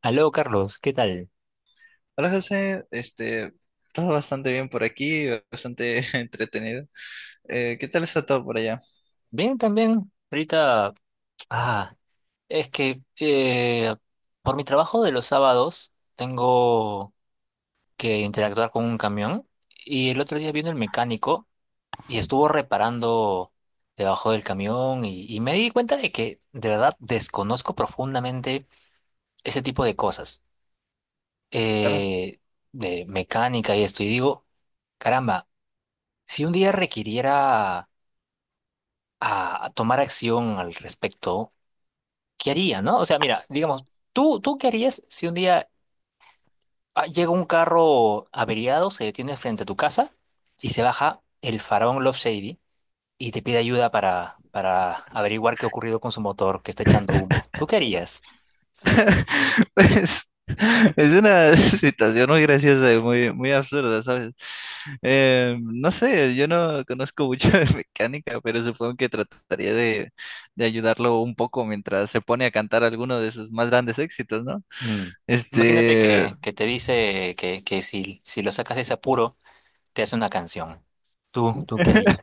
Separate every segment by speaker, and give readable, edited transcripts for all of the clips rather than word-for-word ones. Speaker 1: Aló, Carlos, ¿qué tal?
Speaker 2: Hola José, todo bastante bien por aquí, bastante entretenido. ¿Qué tal está todo por allá?
Speaker 1: Bien, también. Ahorita, ah, es que por mi trabajo de los sábados tengo que interactuar con un camión y el otro día vino el mecánico y estuvo reparando debajo del camión y me di cuenta de que de verdad desconozco profundamente ese tipo de cosas
Speaker 2: Claro.
Speaker 1: eh, de mecánica y esto y digo, caramba, si un día requiriera a tomar acción al respecto, ¿qué haría, no? O sea, mira, digamos, ¿tú qué harías si un día llega un carro averiado, se detiene frente a tu casa y se baja el faraón Love Shady y te pide ayuda para averiguar qué ha ocurrido con su motor, que está echando humo? ¿Tú qué harías?
Speaker 2: Pues es una situación muy graciosa y muy, muy absurda, ¿sabes? No sé, yo no conozco mucho de mecánica, pero supongo que trataría de ayudarlo un poco mientras se pone a cantar alguno de sus más grandes éxitos, ¿no?
Speaker 1: Mm. Imagínate
Speaker 2: Este,
Speaker 1: que te dice que si lo sacas de ese apuro, te hace una canción. ¿Tú qué harías?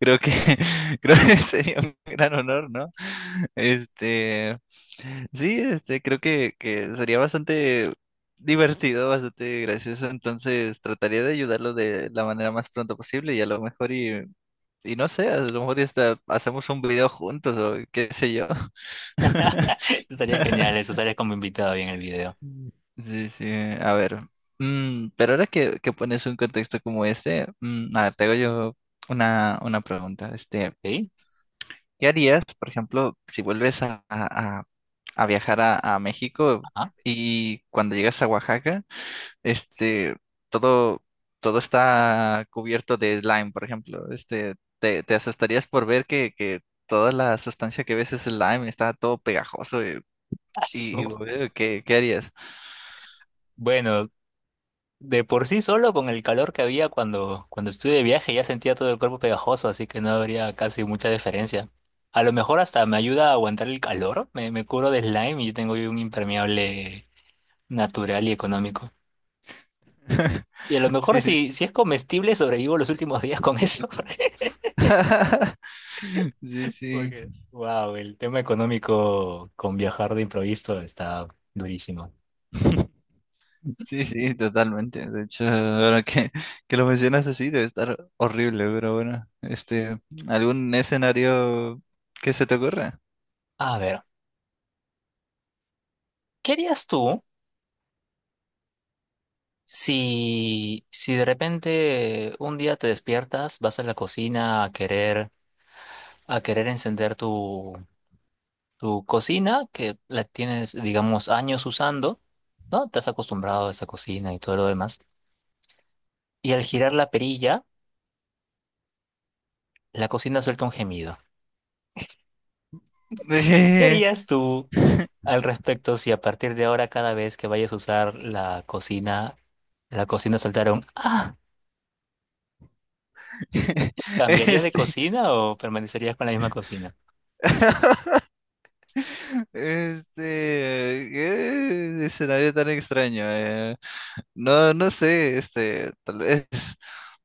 Speaker 2: Creo que, Creo que sería un gran honor, ¿no? Este, sí, creo que sería bastante divertido, bastante gracioso. Entonces, trataría de ayudarlo de la manera más pronto posible y a lo mejor y no sé, a lo mejor y hasta hacemos un video juntos o qué sé yo.
Speaker 1: Estaría genial eso, estaría como invitado ahí en el video.
Speaker 2: Sí, sí, a ver. Pero ahora que pones un contexto como este, a ver, te hago yo una pregunta.
Speaker 1: ¿Sí?
Speaker 2: ¿Qué harías, por ejemplo, si vuelves a viajar a México
Speaker 1: Ajá.
Speaker 2: y cuando llegas a Oaxaca, este, todo, todo está cubierto de slime, por ejemplo? Te asustarías por ver que toda la sustancia que ves es slime, está todo pegajoso.
Speaker 1: Ah,
Speaker 2: ¿Qué harías?
Speaker 1: bueno, de por sí solo con el calor que había cuando estuve de viaje ya sentía todo el cuerpo pegajoso, así que no habría casi mucha diferencia. A lo mejor hasta me ayuda a aguantar el calor, me cubro de slime y tengo ahí un impermeable natural y económico. Y a lo mejor
Speaker 2: Sí, sí.
Speaker 1: si es comestible sobrevivo los últimos días con eso.
Speaker 2: Sí, sí.
Speaker 1: Porque, wow, el tema económico con viajar de improviso está durísimo.
Speaker 2: Sí, sí, totalmente. De hecho, ahora que lo mencionas así, debe estar horrible, pero bueno, ¿algún escenario que se te ocurra?
Speaker 1: A ver, ¿qué harías tú? Si de repente un día te despiertas, vas a la cocina a querer encender tu cocina, que la tienes, digamos, años usando, ¿no? Te has acostumbrado a esa cocina y todo lo demás. Y al girar la perilla, la cocina suelta un gemido. ¿Qué
Speaker 2: Eh,
Speaker 1: harías tú al respecto si a partir de ahora, cada vez que vayas a usar la cocina soltara un ¡ah! ¿Cambiarías de
Speaker 2: Este,
Speaker 1: cocina o permanecerías con la misma cocina?
Speaker 2: este, qué escenario tan extraño. No, no sé, tal vez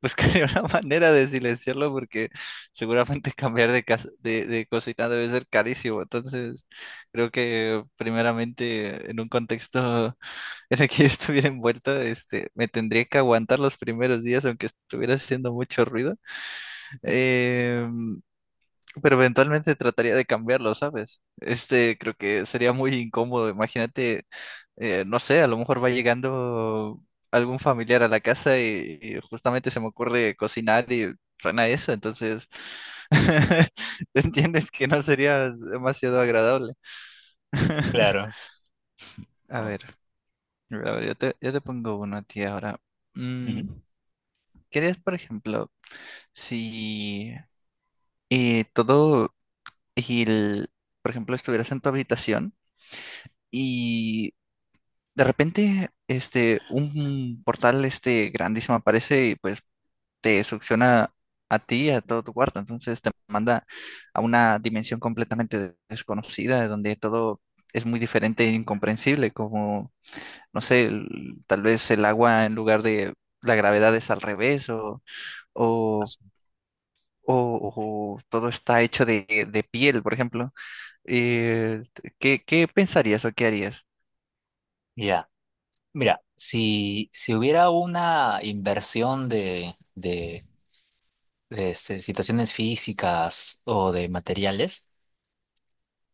Speaker 2: buscaré una manera de silenciarlo porque seguramente cambiar de cocina debe ser carísimo. Entonces, creo que primeramente en un contexto en el que yo estuviera envuelto, me tendría que aguantar los primeros días aunque estuviera haciendo mucho ruido. Em, pero eventualmente trataría de cambiarlo, ¿sabes? Creo que sería muy incómodo. Imagínate, no sé, a lo mejor va llegando algún familiar a la casa y justamente se me ocurre cocinar y suena eso, entonces entiendes que no sería demasiado agradable.
Speaker 1: Claro.
Speaker 2: A ver, a ver, yo te pongo uno a ti ahora. Mm,
Speaker 1: Ujú.
Speaker 2: ¿querías, por ejemplo, si eh, todo el, por ejemplo, estuvieras en tu habitación? Y de repente un portal grandísimo aparece y pues te succiona a ti y a todo tu cuarto, entonces te manda a una dimensión completamente desconocida donde todo es muy diferente e incomprensible, como no sé, tal vez el agua en lugar de la gravedad es al revés o o- o todo está hecho de piel, por ejemplo. Eh, ¿Qué pensarías o qué harías?
Speaker 1: Ya, mira, si, si hubiera una inversión de situaciones físicas o de materiales,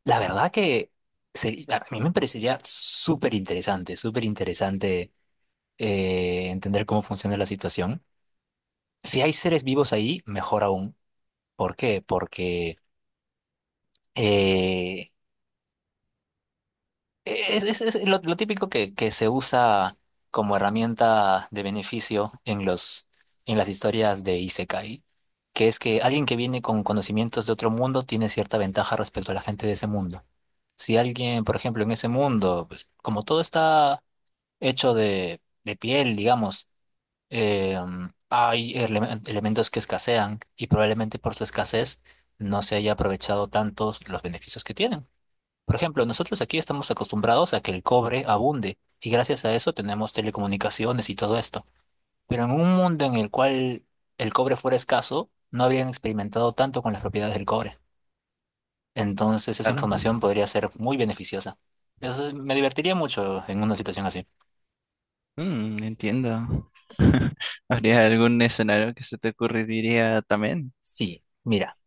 Speaker 1: la verdad que a mí me parecería súper interesante entender cómo funciona la situación. Si hay seres vivos ahí, mejor aún. ¿Por qué? Porque eh, es lo típico que se usa como herramienta de beneficio en los, en las historias de Isekai, que es que alguien que viene con conocimientos de otro mundo tiene cierta ventaja respecto a la gente de ese mundo. Si alguien, por ejemplo, en ese mundo, pues, como todo está hecho de piel, digamos, eh, hay elementos que escasean y probablemente por su escasez no se haya aprovechado tantos los beneficios que tienen. Por ejemplo, nosotros aquí estamos acostumbrados a que el cobre abunde y gracias a eso tenemos telecomunicaciones y todo esto. Pero en un mundo en el cual el cobre fuera escaso, no habrían experimentado tanto con las propiedades del cobre. Entonces esa
Speaker 2: Claro.
Speaker 1: información podría ser muy beneficiosa. Eso me divertiría mucho en una situación así.
Speaker 2: Entiendo. ¿Habría algún escenario que se te ocurriría también?
Speaker 1: Sí, mira,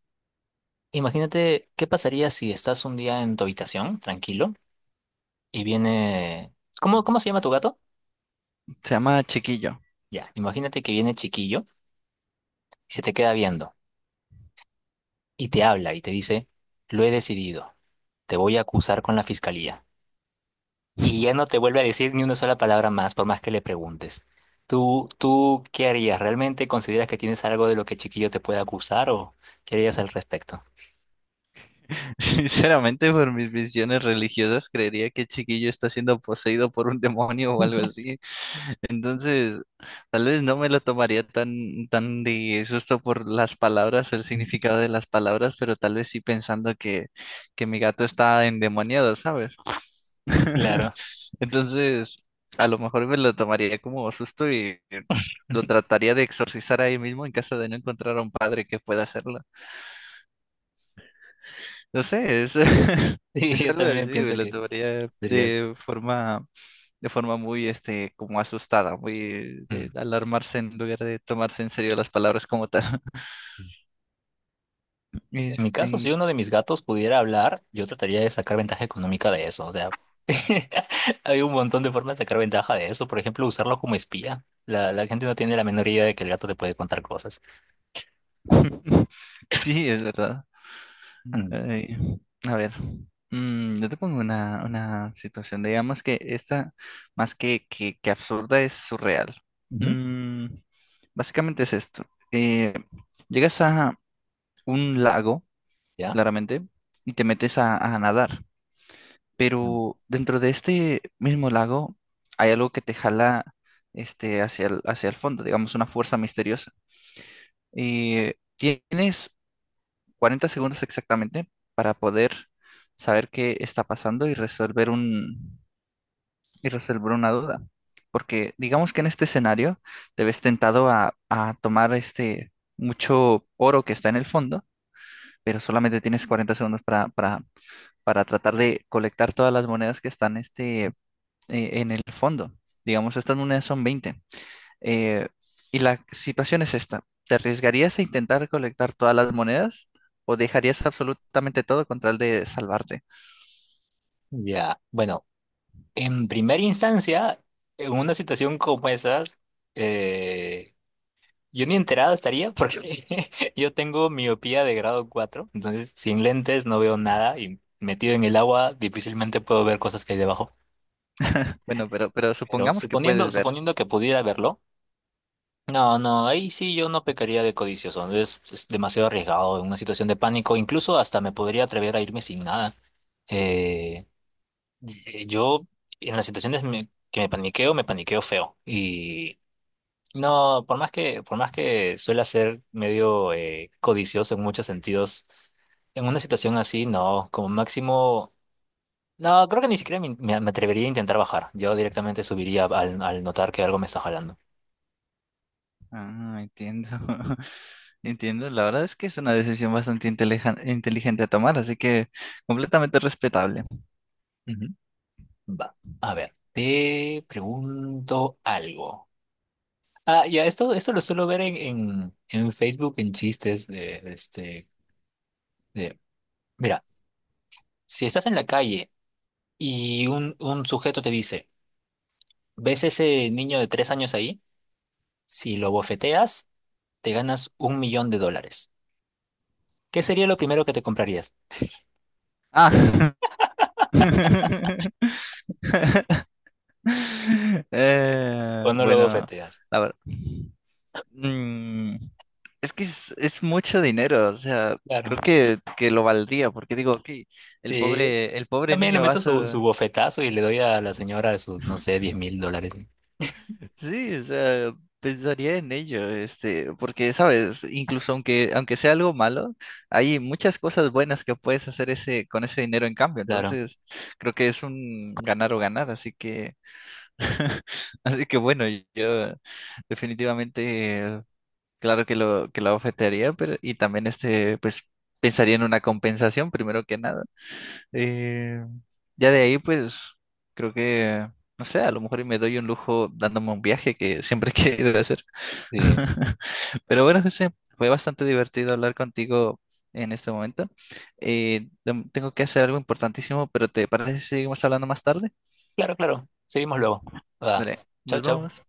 Speaker 1: imagínate qué pasaría si estás un día en tu habitación, tranquilo, y viene... ¿Cómo se llama tu gato?
Speaker 2: Se llama Chiquillo.
Speaker 1: Ya, imagínate que viene chiquillo y se te queda viendo, y te habla y te dice, lo he decidido, te voy a acusar con la fiscalía. Y ya no te vuelve a decir ni una sola palabra más por más que le preguntes. ¿Tú qué harías? ¿Realmente consideras que tienes algo de lo que Chiquillo te puede acusar o qué harías al respecto?
Speaker 2: Sinceramente, por mis visiones religiosas, creería que Chiquillo está siendo poseído por un demonio o algo así. Entonces, tal vez no me lo tomaría tan, tan de susto por las palabras o el significado de las palabras, pero tal vez sí pensando que mi gato está endemoniado, ¿sabes?
Speaker 1: Claro.
Speaker 2: Entonces, a lo mejor me lo tomaría como susto y lo trataría de exorcizar ahí mismo en caso de no encontrar a un padre que pueda hacerlo. No sé,
Speaker 1: Sí,
Speaker 2: es
Speaker 1: yo
Speaker 2: algo
Speaker 1: también
Speaker 2: así, güey,
Speaker 1: pienso
Speaker 2: lo
Speaker 1: que
Speaker 2: tomaría
Speaker 1: dirías.
Speaker 2: de forma muy, como asustada, muy de
Speaker 1: "Mm".
Speaker 2: alarmarse en lugar de tomarse en serio las palabras como tal.
Speaker 1: En mi caso, si
Speaker 2: Este,
Speaker 1: uno de mis gatos pudiera hablar, yo trataría de sacar ventaja económica de eso. O sea, hay un montón de formas de sacar ventaja de eso. Por ejemplo, usarlo como espía. La gente no tiene la menor idea de que el gato te puede contar cosas.
Speaker 2: sí, es verdad.
Speaker 1: Mm,
Speaker 2: Ay, a ver, yo te pongo una situación, digamos que esta, más que absurda, es surreal.
Speaker 1: ujú.
Speaker 2: Mm, Básicamente es esto. Eh, Llegas a un lago.
Speaker 1: ¿Ya?
Speaker 2: Claramente, y te metes a nadar.
Speaker 1: Mm.
Speaker 2: Pero dentro de este mismo lago hay algo que te jala, hacia el fondo, digamos, una fuerza misteriosa. Y tienes 40 segundos exactamente para poder saber qué está pasando y resolver una duda. Porque digamos que en este escenario te ves tentado a tomar mucho oro que está en el fondo, pero solamente tienes 40 segundos para tratar de colectar todas las monedas que están en el fondo. Digamos, estas monedas son 20. Eh, y la situación es esta. ¿Te arriesgarías a intentar recolectar todas las monedas o dejarías absolutamente todo con tal de salvarte?
Speaker 1: Ya, bueno, en primera instancia, en una situación como esas, eh, yo ni enterado estaría porque yo tengo miopía de grado 4. Entonces, sin lentes no veo nada y metido en el agua difícilmente puedo ver cosas que hay debajo.
Speaker 2: Bueno, pero
Speaker 1: Pero
Speaker 2: supongamos que
Speaker 1: suponiendo,
Speaker 2: puedes ver.
Speaker 1: suponiendo que pudiera verlo, no, no, ahí sí yo no pecaría de codicioso, es demasiado arriesgado, en una situación de pánico, incluso hasta me podría atrever a irme sin nada. Eh, yo en las situaciones que me paniqueo feo. Y no, por más que suela ser medio codicioso en muchos sentidos, en una situación así, no, como máximo, no, creo que ni siquiera me atrevería a intentar bajar, yo directamente subiría al notar que algo me está jalando.
Speaker 2: Ah, entiendo. Entiendo. La verdad es que es una decisión bastante inteligente a tomar, así que completamente respetable.
Speaker 1: Ujú. Va. A ver, te pregunto algo. Ah, ya, esto lo suelo ver en, en Facebook, en chistes de este, de, mira, si estás en la calle y un sujeto te dice, ¿ves ese niño de 3 años ahí? Si lo bofeteas, te ganas $1.000.000. ¿Qué sería lo primero que te comprarías?
Speaker 2: Ah.
Speaker 1: ¿O no lo
Speaker 2: Bueno,
Speaker 1: bofeteas?
Speaker 2: a ver. Mm, es que es mucho dinero, o sea, creo
Speaker 1: Claro.
Speaker 2: que lo valdría, porque digo, ok, el
Speaker 1: Sí,
Speaker 2: pobre, el pobre
Speaker 1: también le
Speaker 2: niño va a...
Speaker 1: meto su, su
Speaker 2: su-
Speaker 1: bofetazo y le doy a la señora sus, no sé, $10.000.
Speaker 2: Sí, o sea, pensaría en ello, porque, sabes, incluso aunque sea algo malo, hay muchas cosas buenas que puedes hacer con ese dinero en cambio,
Speaker 1: Claro.
Speaker 2: entonces creo que es un ganar o ganar, así que bueno, yo definitivamente. Claro que lo ofertaría, pero y también pues pensaría en una compensación primero que nada. Eh, ya de ahí, pues creo que, no sé, a lo mejor y me doy un lujo dándome un viaje que siempre he querido hacer.
Speaker 1: Sí.
Speaker 2: Pero bueno, José, fue bastante divertido hablar contigo en este momento. Tengo que hacer algo importantísimo, pero ¿te parece si seguimos hablando más tarde?
Speaker 1: Claro, claro. Seguimos luego. Va.
Speaker 2: Dale,
Speaker 1: Chau,
Speaker 2: nos
Speaker 1: chau.
Speaker 2: vemos.